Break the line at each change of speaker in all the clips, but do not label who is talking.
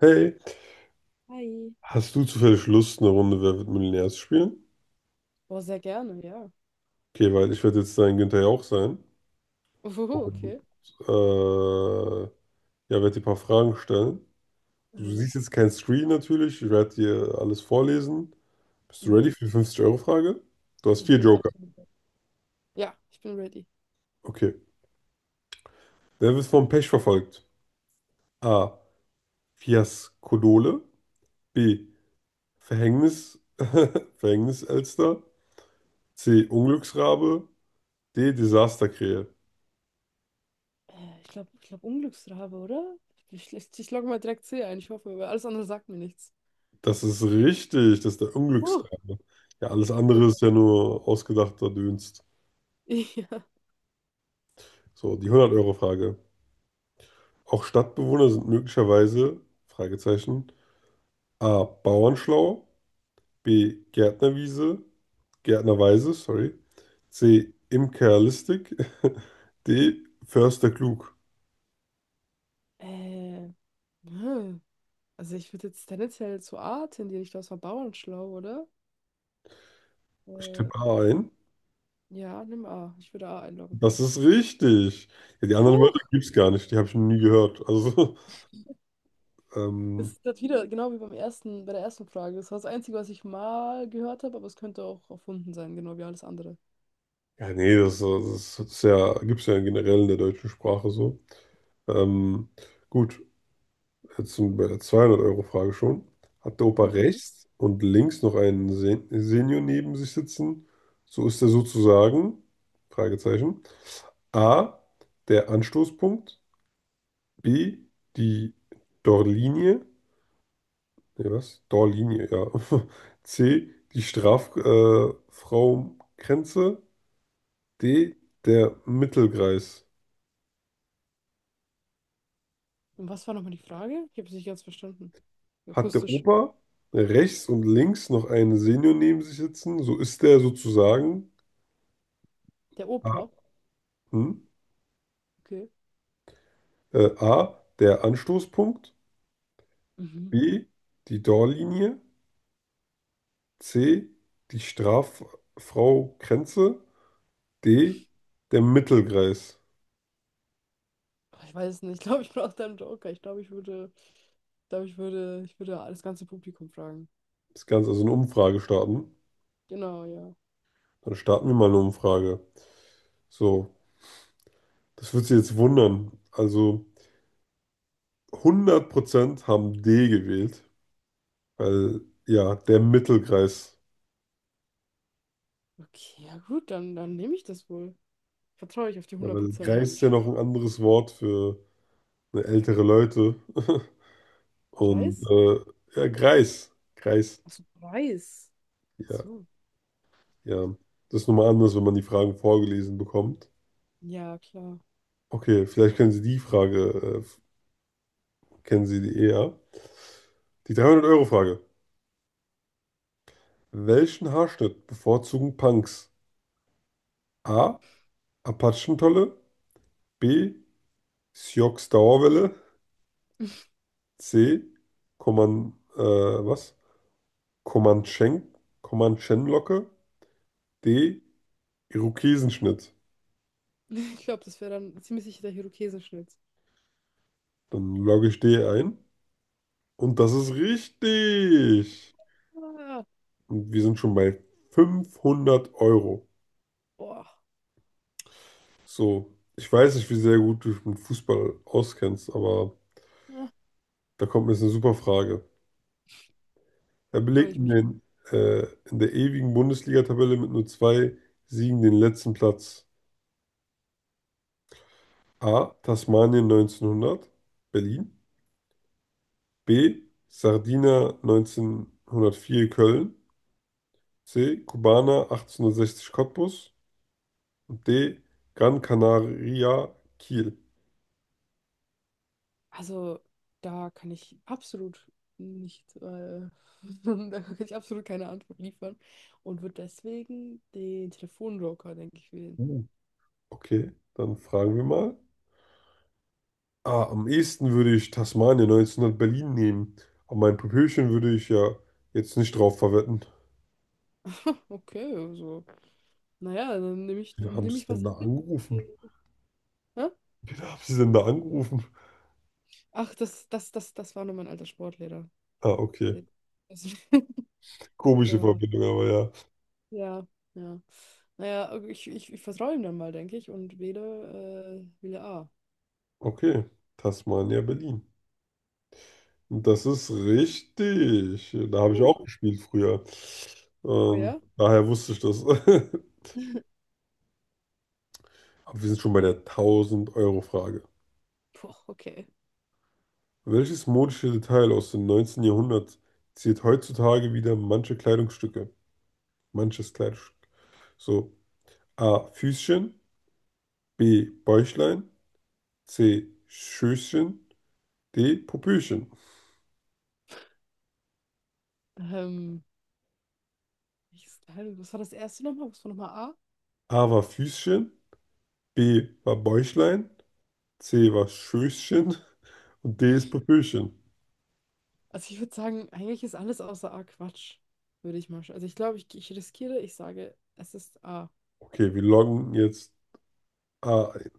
Hey,
Hi.
hast du zufällig Lust, eine Runde Wer wird Millionär zu spielen?
Oh, sehr gerne, ja.
Okay, weil ich werde jetzt dein Günther Jauch sein
Oh,
und
okay.
äh, ja, werde dir ein paar Fragen stellen. Du
Aha.
siehst jetzt keinen Screen natürlich, ich werde dir alles vorlesen. Bist du
Mhm.
ready für die 50-Euro-Frage? Du hast
Ich
vier
bin
Joker.
absolut. Ja, ich bin ready.
Okay. Wer wird vom Pech verfolgt? A. Fiaskodole. B. Verhängnis. Verhängniselster. C. Unglücksrabe. D. Desasterkrähe.
Ich glaube, ich glaub Unglücksrabe, oder? Ich logge mal direkt C ein, ich hoffe, weil alles andere sagt mir nichts.
Das ist richtig, das ist der
Huh,
Unglücksrate. Ja, alles andere
Glück.
ist ja nur ausgedachter Dünst.
Ja.
So, die 100-Euro-Frage. Auch Stadtbewohner sind möglicherweise, Fragezeichen, A. Bauernschlau, B. Gärtnerwiese, Gärtnerweise, sorry, C. Imkerlistig, D. Förster klug.
Äh, hm. Also ich würde jetzt tendenziell zu A tendieren. Ich glaube, es war Bauernschlau, oder?
Ich
Äh,
tippe A ein.
ja, nimm A. Ich würde A einloggen.
Das ist richtig. Ja, die anderen
Puh,
Wörter gibt es gar nicht, die habe ich noch nie gehört. Also,
das
ähm,
ist grad wieder genau wie beim ersten, bei der ersten Frage. Das war das Einzige, was ich mal gehört habe, aber es könnte auch erfunden sein, genau wie alles andere.
ja, nee, das ist ja, gibt es ja generell in der deutschen Sprache so. Ähm, gut, jetzt sind wir bei der 200 Euro frage schon. Hat der Opa
Mhm.
rechts und links noch einen Senior neben sich sitzen, so ist er sozusagen, Fragezeichen, A, der Anstoßpunkt, B, die Torlinie, nee, was? Torlinie, ja. C, die Strafraumgrenze, Frau- Grenze, D, der Mittelkreis.
Und was war nochmal die Frage? Ich habe es nicht ganz verstanden.
Hat der
Akustisch.
Opa rechts und links noch einen Senior neben sich sitzen, so ist der sozusagen
Der
A,
Opa?
hm,
Okay.
A, der Anstoßpunkt,
Mhm.
B, die Torlinie, C, die Straffrau Grenze, D, der Mittelkreis.
Ach, ich weiß es nicht. Ich glaube, ich brauche da einen Joker. Ich glaube, ich würde, ich glaube, ich würde das ganze Publikum fragen.
Das Ganze, also eine Umfrage starten.
Genau, ja.
Dann starten wir mal eine Umfrage. So, das wird Sie jetzt wundern. Also 100% haben D gewählt, weil ja, der Mittelkreis.
Okay, ja gut, dann nehme ich das wohl. Vertraue ich auf die
Ja,
hundert
weil
Prozent.
Greis ist ja noch ein anderes Wort für ne, ältere Leute. Und
Preis?
ja, Greis. Greis.
Achso, Preis.
Ja,
So.
ja. Das ist nochmal anders, wenn man die Fragen vorgelesen bekommt.
Ja, klar.
Okay, vielleicht kennen Sie die Frage, kennen Sie die eher. Die 300-Euro-Frage. Welchen Haarschnitt bevorzugen Punks? A. Apachentolle. B. Sioux Dauerwelle. C. Coman, äh, was? Comanchen, Comanchenlocke. D. Irokesenschnitt.
Ich glaube, das wäre dann ziemlich sicher der Irokesenschnitz.
Dann logge ich D ein. Und das ist richtig.
Ah,
Und wir sind schon bei 500 Euro.
boah.
So, ich weiß nicht, wie sehr gut du dich mit Fußball auskennst, aber
Ja,
da kommt mir jetzt eine super Frage. Er
freue
belegt
ich mich.
äh, in der ewigen Bundesliga-Tabelle mit nur zwei Siegen den letzten Platz. A. Tasmanien 1900, Berlin. B. Sardinia 1904 Köln. C. Kubaner 1860 Cottbus. D. Gran Canaria, Kiel.
Also, da kann ich absolut nicht, da kann ich absolut keine Antwort liefern und würde deswegen den Telefonjoker, denke ich, wählen.
Uh, Okay, dann fragen wir mal. Ah, am ehesten würde ich Tasmanien 1900 Berlin nehmen. Aber mein Popöchen würde ich ja jetzt nicht drauf verwetten.
Okay, also, naja,
Wen haben
nehm
sie
ich
denn
was.
da
Ich kriege.
angerufen?
Hä?
Wen haben sie denn da angerufen?
Ach, das war nur mein alter Sportlehrer.
Ah, okay.
Der, also, der
Komische
war,
Verbindung, aber ja.
ja, ja. Naja, ich vertraue ihm dann mal, denke ich, und wähle A.
Okay, Tasmania, Berlin. Und das ist richtig. Da habe ich
Uh,
auch gespielt früher.
oh ja?
Daher wusste ich das. Aber wir sind schon bei der 1000 Euro frage.
Puh, okay.
Welches modische Detail aus dem neunzehnten Jahrhundert ziert heutzutage wieder manche Kleidungsstücke? Manches Kleidungsstück. So, A. Füßchen, B. Bäuchlein, C. Schößchen, D. Popöchen.
Ähm. Ich, was war das erste nochmal? Was war nochmal A?
A war Füßchen, B war Bäuchlein, C war Schößchen und D ist Popöchen.
Also ich würde sagen, eigentlich ist alles außer A Quatsch, würde ich mal. Sch- Also ich glaube, ich riskiere, ich sage, es ist A.
Okay, wir loggen jetzt A ein.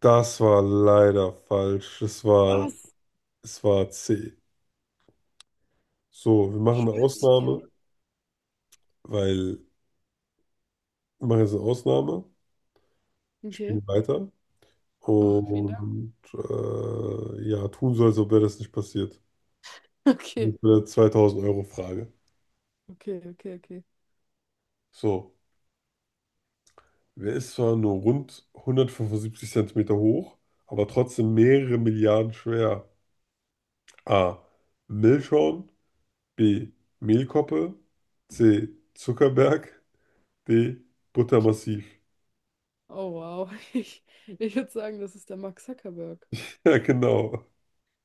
Das war leider falsch.
Was?
Es war C. So, wir machen eine
Stößchen?
Ausnahme, weil mache jetzt eine Ausnahme, ich
Okay.
spiele weiter
Oh, vielen Dank.
und ja, tun so, als ob wäre das nicht passiert.
Okay,
Das ist eine euro frage.
okay.
So, wer ist zwar nur rund 175 cm hoch, aber trotzdem mehrere Milliarden schwer? A. Milchschorn, B. Mehlkoppe, C. Zuckerberg, D. Buttermassiv.
Oh wow. Ich würde sagen, das ist der Mark Zuckerberg.
Ja, genau.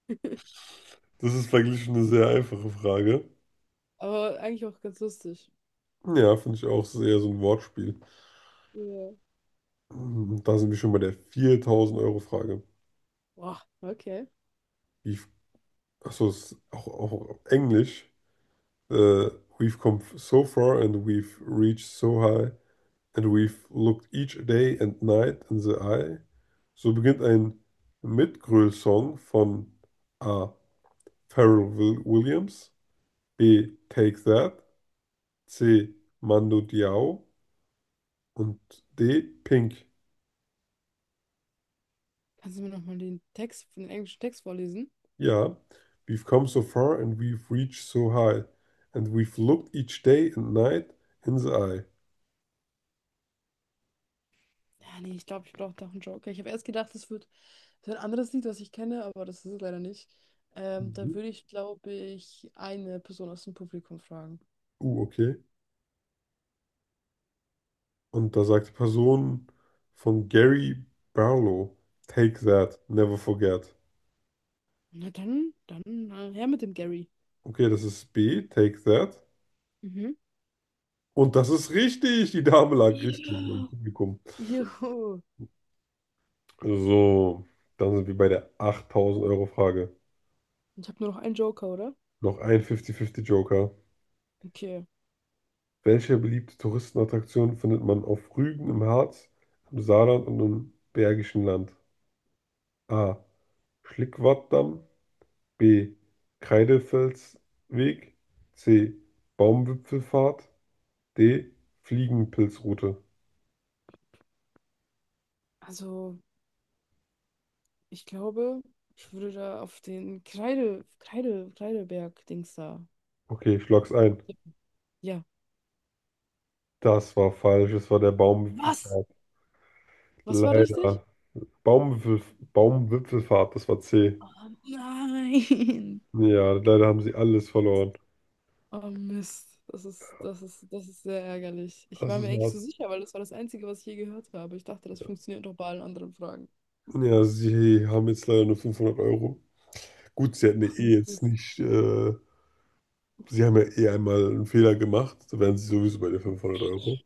Das ist verglichen eine sehr einfache Frage.
Aber eigentlich auch ganz lustig.
Ja, finde ich auch. Das ist eher so ein Wortspiel.
Ja.
Da sind wir schon bei der 4000 Euro frage.
Boah, okay.
We've- Achso, das ist auch auf Englisch. Äh, we've come so far and we've reached so high and we've looked each day and night in the eye. So beginnt ein Mitgröl-Song von A. Pharrell Will Williams, B. Take That, C. Mando Diao und D. Pink.
Kannst du mir nochmal den Text, den englischen Text vorlesen?
Yeah, we've come so far and we've reached so high, and we've looked each day and night in the eye.
Ja, nee, ich glaube, ich brauche doch einen Joker. Ich habe erst gedacht, es wird so ein anderes Lied, was ich kenne, aber das ist es leider nicht. Da
Mhm.
würde ich, glaube ich, eine Person aus dem Publikum fragen.
Okay. Und da sagt die Person von Gary Barlow, Take that, never forget.
Na dann, her mit dem Gary.
Okay, das ist B, Take that.
Mhm.
Und das ist richtig, die Dame lag richtig im
Ja.
Publikum.
Juhu.
So, dann sind wir bei der 8000 Euro Frage.
Ich habe nur noch einen Joker, oder?
Noch ein 50-50 Joker.
Okay.
Welche beliebte Touristenattraktion findet man auf Rügen im Harz, im Saarland und im Bergischen Land? A. Schlickwartdamm. B. Kreidefelsweg. C. Baumwipfelfahrt. D. Fliegenpilzroute.
Also, ich glaube, ich würde da auf den Kreideberg-Dings da
Okay, ich logg's ein.
tippen. Ja.
Das war falsch. Es war der
Was?
Baumwipfelfahrt.
Was war richtig?
Leider. Baumwipfel, Baumwipfelfahrt, das war C.
Oh nein.
Ja, leider haben sie alles verloren.
Oh Mist, das ist sehr ärgerlich. Ich
Das
war mir
ist
eigentlich
hart.
so sicher, weil das war das Einzige, was ich je gehört habe. Ich dachte, das
Ja,
funktioniert doch bei allen anderen Fragen.
Ja, sie haben jetzt leider nur 500 Euro. Gut, sie hatten ja eh jetzt
Mist.
nicht, sie haben ja eh einmal einen Fehler gemacht, da wären sie sowieso bei den 500 Euro.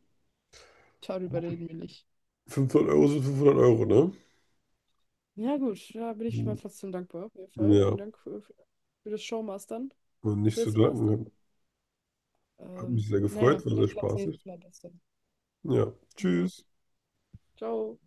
Darüber reden wir nicht.
500 Euro sind 500 Euro, ne?
Ja gut, da bin ich mal
Hm,
trotzdem dankbar, auf jeden Fall.
ja,
Vielen Dank für das Showmastern,
und nicht zu
Quizmastern.
danken. Hat mich sehr
Naja,
gefreut, war sehr
vielleicht klappt es
spaßig.
nächstes Mal besser.
Ja,
Ja,
tschüss.
ciao.